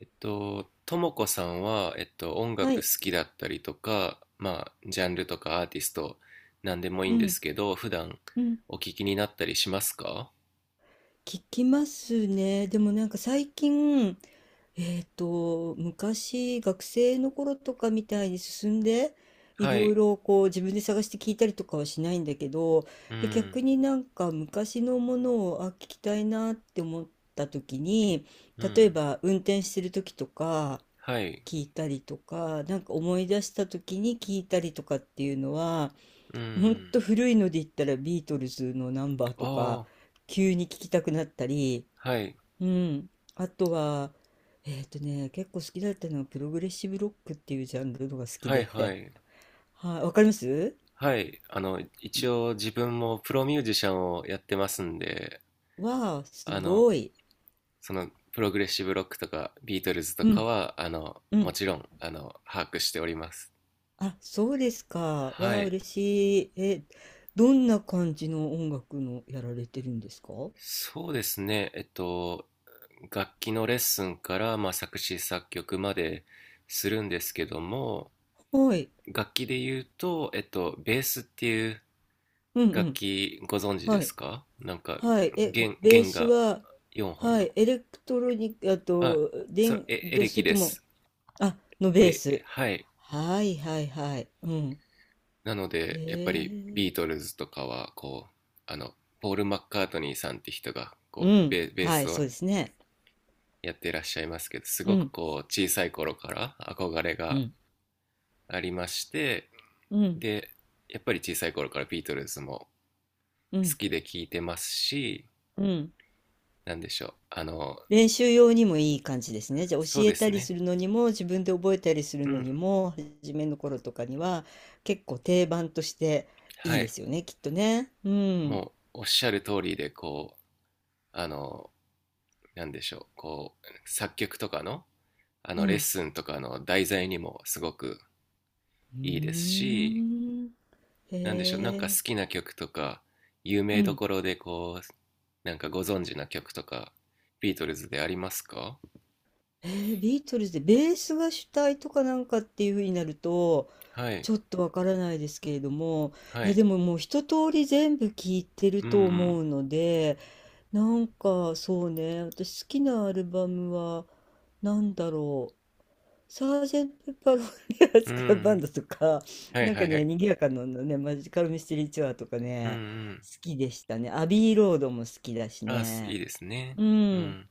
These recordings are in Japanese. ともこさんは、音は楽好い、きだったりとか、まあ、ジャンルとかアーティスト、なんでもいいうんでん、すけど、普段うん、お聞きになったりしますか？聞きますね。でもなんか最近、昔学生の頃とかみたいに進んで、いはろいい。ろこう自分で探して聞いたりとかはしないんだけど、うん。逆になんか昔のものを、あ、聞きたいなって思った時に、う例えん。ば運転してる時とかはい。聞いたりとか、なんか思い出した時に聞いたりとかっていうのは、うほんん。と古いので言ったらビートルズのナンバーあとかあ。急に聞きたくなったり、はい。うん、あとは結構好きだったのはプログレッシブロックっていうジャンルのが好きはい。はで い。はい、わかります。はい。一応自分もプロミュージシャンをやってますんで、わあすあの、ごい。そのプログレッシブロックとかビートルズとうかんはうもん。ちろん把握しております。あ、そうですか。はわあい。嬉しい。え、どんな感じの音楽のやられてるんですか。はそうですね。楽器のレッスンから、まあ、作詞作曲までするんですけども、い、楽器で言うと、ベースっていううんう楽ん、器、ご存知ではすいか？なんかはい。え、弦ベースがは、4本はい。の、エレクトロニック、ああ、と、それ電、エどうレしキてでとも、す。あ、のベース。はい。はいはいはい。うん。なのへで、やっぱりえ。ビートルズとかは、こう、あの、ポール・マッカートニーさんって人が、うこう、ん。ベベーはスい、そをうですね。やってらっしゃいますけど、すうごくん。こう、小さい頃から憧れうがん。ありまして、うん。で、やっぱり小さい頃からビートルズもう好ん。きで聴いてますし、うん。なんでしょう、練習用にもいい感じですね。じゃあ教そうえでたすりね、するのにも、自分で覚えたりするうのん、にも、初めの頃とかには、結構定番としていはいでい、すよね、きっとね。うん。もうおっしゃる通りで、こう、あの、なんでしょう、こう、作曲とかの、うレッん。スンとかの題材にもすごくういいですーし、ん。へなんでしょう、なんか好え。きな曲とか、有う名どん。ころでこう、なんかご存知な曲とか、ビートルズでありますか？えー、ビートルズで、ベースが主体とかなんかっていう風になると、はい。ちょっとわからないですけれども、はいやい。でももう一通り全部聞いてるうと思ん。うので、なんかそうね、私好きなアルバムはなんだろう。サージェント・ペッパー・ロンリアうス・ん。クうラブ・バん。ンドとか、はい、なんはかい、はね、い。賑やかなのね、マジカル・ミステリー・ツアーとかうん。うね、ん。好きでしたね。アビー・ロードも好きだしあ、すいね。いですね。ううん。ん。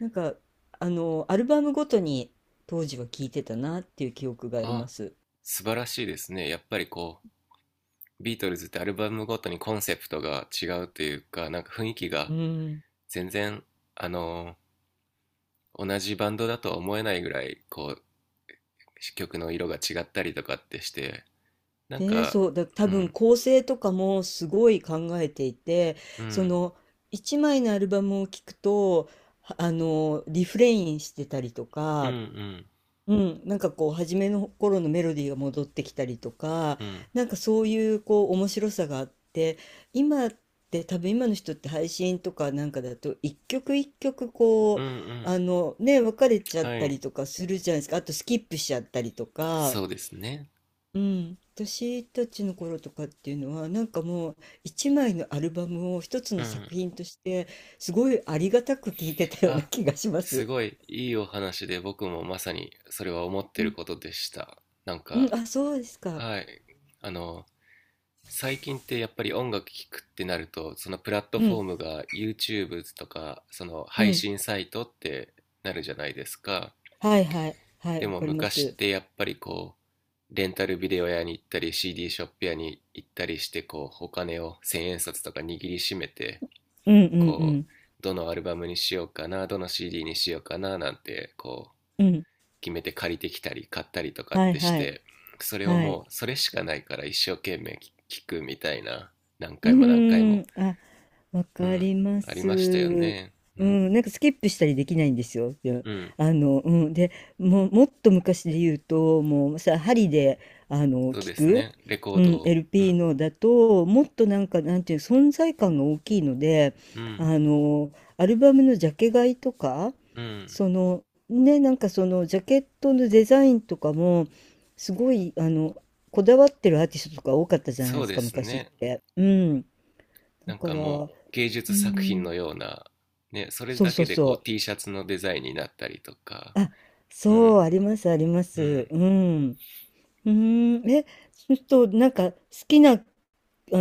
なんか、あの、アルバムごとに当時は聴いてたなっていう記憶がありあ、ます。素晴らしいですね。やっぱりこう、ビートルズってアルバムごとにコンセプトが違うというか、なんか雰囲気うがん。全然、あの同じバンドだとは思えないぐらいこう曲の色が違ったりとかってして、なんで、か、そう、だ、多う分ん、構成とかもすごい考えていて、うそん、の、一枚のアルバムを聴くと、はあの、リフレインしてたりとうん、うか、ん、うん、なんかこう初めの頃のメロディーが戻ってきたりとか、うん、なんかそういうこう面白さがあって、今って多分今の人って配信とかなんかだと一曲一曲こうん、ううん。あのね別れちゃっはたりい。とかするじゃないですか。あとスキップしちゃったりとか、そうですね。うん、私たちの頃とかっていうのはなんかもう一枚のアルバムを一つうのん。作品としてすごいありがたく聴いてたようなあ、気がしますす。ごいいいお話で、僕もまさにそれは思ってうるん、ことでした。なんうか、ん、あ、そうですか。はい、あの最近ってやっぱり音楽聴くってなると、そのプラットうフォーん、ムが YouTube とかそのう配ん。信サイトってなるじゃないですか。はいはい。はでい、わもかりま昔っす。てやっぱりこう、レンタルビデオ屋に行ったり CD ショップ屋に行ったりしてこう、お金を千円札とか握りしめて、うんうんうこん。う、どのアルバムにしようかな、どの CD にしようかななんてこうう、ん。決めて借りてきたり買ったりとかっはいてしはい。て、それをはい。もうそれしかないから一生懸命聞くみたいな、何う回も何回ーも。ん。あ、わうかん、りまありましたよす。ね。ううん。ん、なんかスキップしたりできないんですよ。で、うん。あの、うん、で、もう、もっと昔で言うと、もうさ、針で、あの、そう聞ですく、ね。レコーうドん、を。う LP ん。のだと、もっとなんか、なんていう、存在感が大きいので、うん。あの、アルバムのジャケ買いとか、うん。その、ね、なんかその、ジャケットのデザインとかも、すごい、あの、こだわってるアーティストとか多かったじゃないそでうすでか、す昔っね。て。うん。だなんかから、もうう芸ー術作品ん、のような、ね、それそうだそけうでこう そう。T シャツのデザインになったりとか。あ、うそう、ん。ありますありまうす。ん。うん。うーん、え、そうすると、なんか、好きな、あ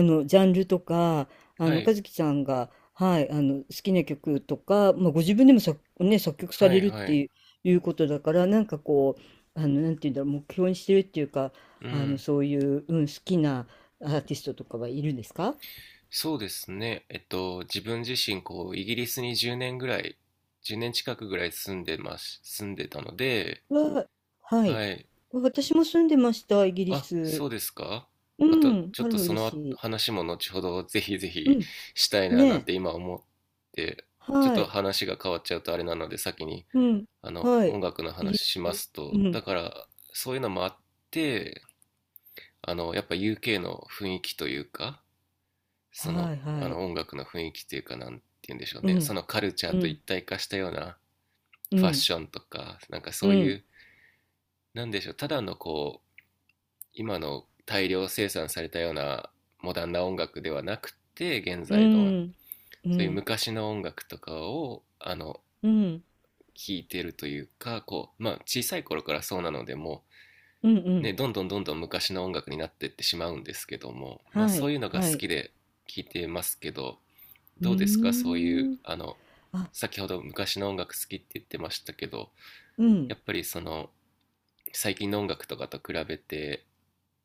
の、ジャンルとか、あはの、和い。樹さんが、はい、あの、好きな曲とか、まあ、ご自分でも作、ね、作曲さはれい。るっはてい。いう、いうことだから、なんかこう、あの、なんていうんだろう、目標にしてるっていうか、うあの、ん。そういう、うん、好きなアーティストとかはいるんですか。そうですね、自分自身こうイギリスに10年ぐらい、10年近くぐらい住んでます、住んでたので、は、はい。はい、私も住んでました、イギリあ、ス。そうですか。うまたん、ちょっあら、とそ嬉のしい。話も後ほどぜひぜうひん。したいなねなんえ。て今思って、ちょっはとい。話が変わっちゃうとあれなので、先にうん。あのはい。音楽のイギ話リしまス。すうと、だん。から、そういうのもあって、やっぱ UK の雰囲気というか、そのはいはい。音楽の雰囲気というか、なんて言うんでしょううね、そん。のカルチャーうと一ん。体化したようなうファッん。ションとか、なんかうそういん。う、なんでしょう、ただのこう今の大量生産されたようなモダンな音楽ではなくて、現う在のん。うそういうん。昔の音楽とかをうん。聴いてるというかこう、まあ、小さい頃からそうなのでもうん。うね、ん。どんどんどんどん昔の音楽になっていってしまうんですけども、まあ、はそうい。いうのが好はい。きで聴いてますけど、うどうですか？そういうーん。あ、先ほど昔の音楽好きって言ってましたけど、うやん。っぱりその最近の音楽とかと比べて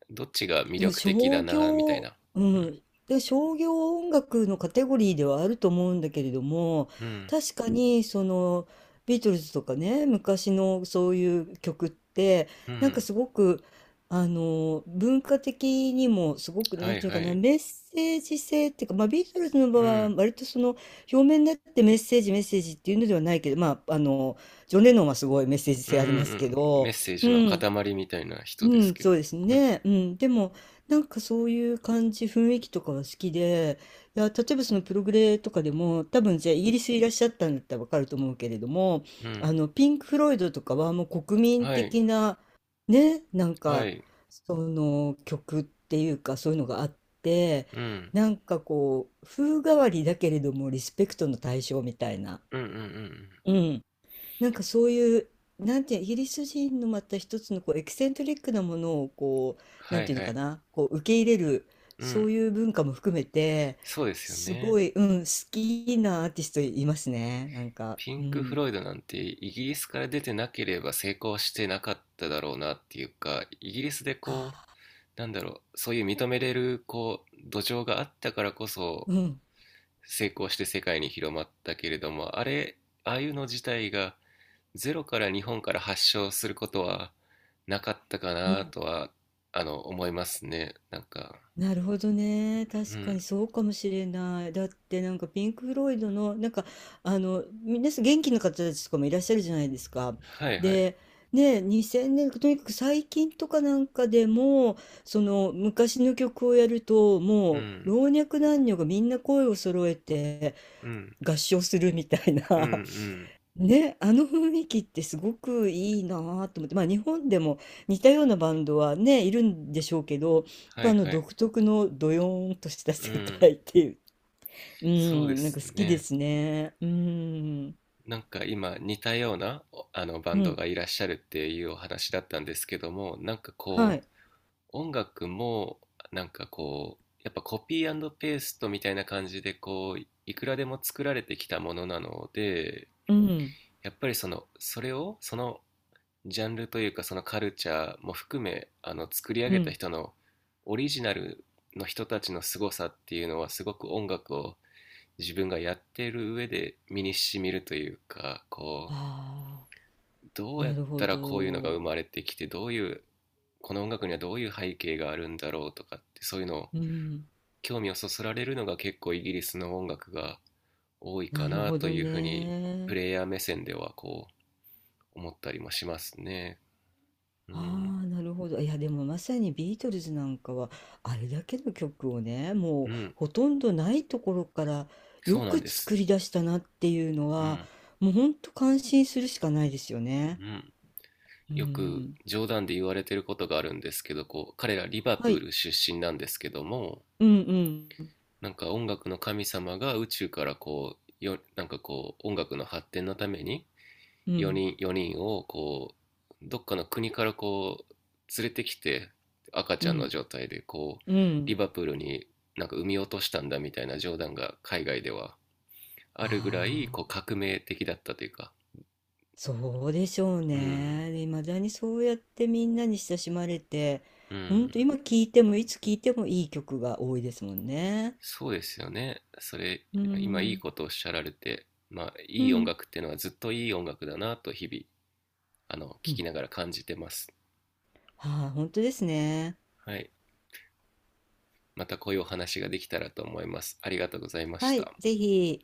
どっちが魅でも力的だ商な、みたい業、な。ううん、ん。で、商業音楽のカテゴリーではあると思うんだけれども、うん、確かにそのビートルズとかね、昔のそういう曲って、うなんかん。すごく、あの、文化的にもすごく、なはんい、ていうはかな、い。メッセージ性っていうか、まあビートルズの場合うはん、割とその表面になってメッセージメッセージっていうのではないけど、まあ、あの、ジョン・レノンはすごいメッセージうん、う性ん、ありますけうん。メど、ッセーうジのん。塊みたいな人でうすん、けそど。うですうん、ね。うん。でも、なんかそういう感じ、雰囲気とかは好きで、いや、例えばそのプログレとかでも、多分じゃあイギリスいらっしゃったんだったらわかると思うけれども、うん。あの、ピンク・フロイドとかはもう国民はい、的な、ね、なんはか、い。その曲っていうか、そういうのがあって、うん、なんかこう、風変わりだけれどもリスペクトの対象みたいな。うん、うん、うん、うん。うん。なんかそういう、なんていう、イギリス人のまた一つのこうエキセントリックなものをこう、なはんい、ていうのはかい。な、こう受け入れる、うそん。ういう文化も含めて、そうですよすね。ごい、うん、好きなアーティストいますね、なんか。ピうンク・フん。ロイドなんてイギリスから出てなければ成功してなかっただろうなっていうか、イギリスでこう、あ、なんだろう、そういう認めれるこう土壌があったからこそうん、成功して世界に広まったけれども、あれ、ああいうの自体がゼロから日本から発祥することはなかったかうなん。とは、思いますね。なんか、なるほどね。う確かん。にそうかもしれない。だってなんかピンク・フロイドのなんかあの皆さん元気な方たちとかもいらっしゃるじゃないですか。はい、はい。で、ね、2000年とにかく最近とかなんかでもその昔の曲をやるとうもうん。老若男女がみんな声を揃えてうん。合唱するみたいうん、うな、ん。ね、あの雰囲気ってすごくいいなぁと思って、まあ、日本でも似たようなバンドはね、いるんでしょうけど、やっはぱい、あのはい。独特のドヨーンとしたう世ん。界っていう、うそうでん、なんすか好きでね。すね。うん、なんか今似たようなあのバうンドん、がいらっしゃるっていうお話だったんですけども、なんかはこい、う音楽もなんかこうやっぱコピーペーストみたいな感じでこういくらでも作られてきたものなので、うん、やっぱりそのそれをそのジャンルというかそのカルチャーも含め作り上うげたん。人のオリジナルの人たちの凄さっていうのはすごく、音楽を自分がやっている上で身にしみるというかこああ、う、どうやなっるほたらこういうのがど。生まれてきて、どういうこの音楽にはどういう背景があるんだろうとかって、そういうのをうん、興味をそそられるのが結構イギリスの音楽が多いかなるなほとどいうふうに、プね。レイヤー目線ではこう思ったりもしますね。うん、ああ、なるほど。いや、でもまさにビートルズなんかは、あれだけの曲をね、もううん、ほとんどないところからよそうなんくです。作り出したなっていうのうは、ん、もうほんと感心するしかないですよね。うん。うよくん。冗談で言われてることがあるんですけど、こう彼らリバはプーい。ル出身なんですけども、うんうん。なんか音楽の神様が宇宙からこうよ、なんかこう音楽の発展のためにうん。4人 ,4 人をこうどっかの国からこう連れてきて、赤ちうゃんのん。状態でこううリん。バプールになんか産み落としたんだみたいな冗談が海外ではああるぐらいこうあ、革命的だったというか。そうでしょううん、ね。で、未だにそうやってみんなに親しまれて、うほんとん。今聴いてもいつ聴いてもいい曲が多いですもんね。そうですよね、それ。う今いいん。ことをおっしゃられて、まあういい音ん。楽っていうのはずっといい音楽だなと、日々う聞きん。ながら感じてます。ああ、本当ですね。はい。またこういうお話ができたらと思います。ありがとうございましはい、た。ぜひ。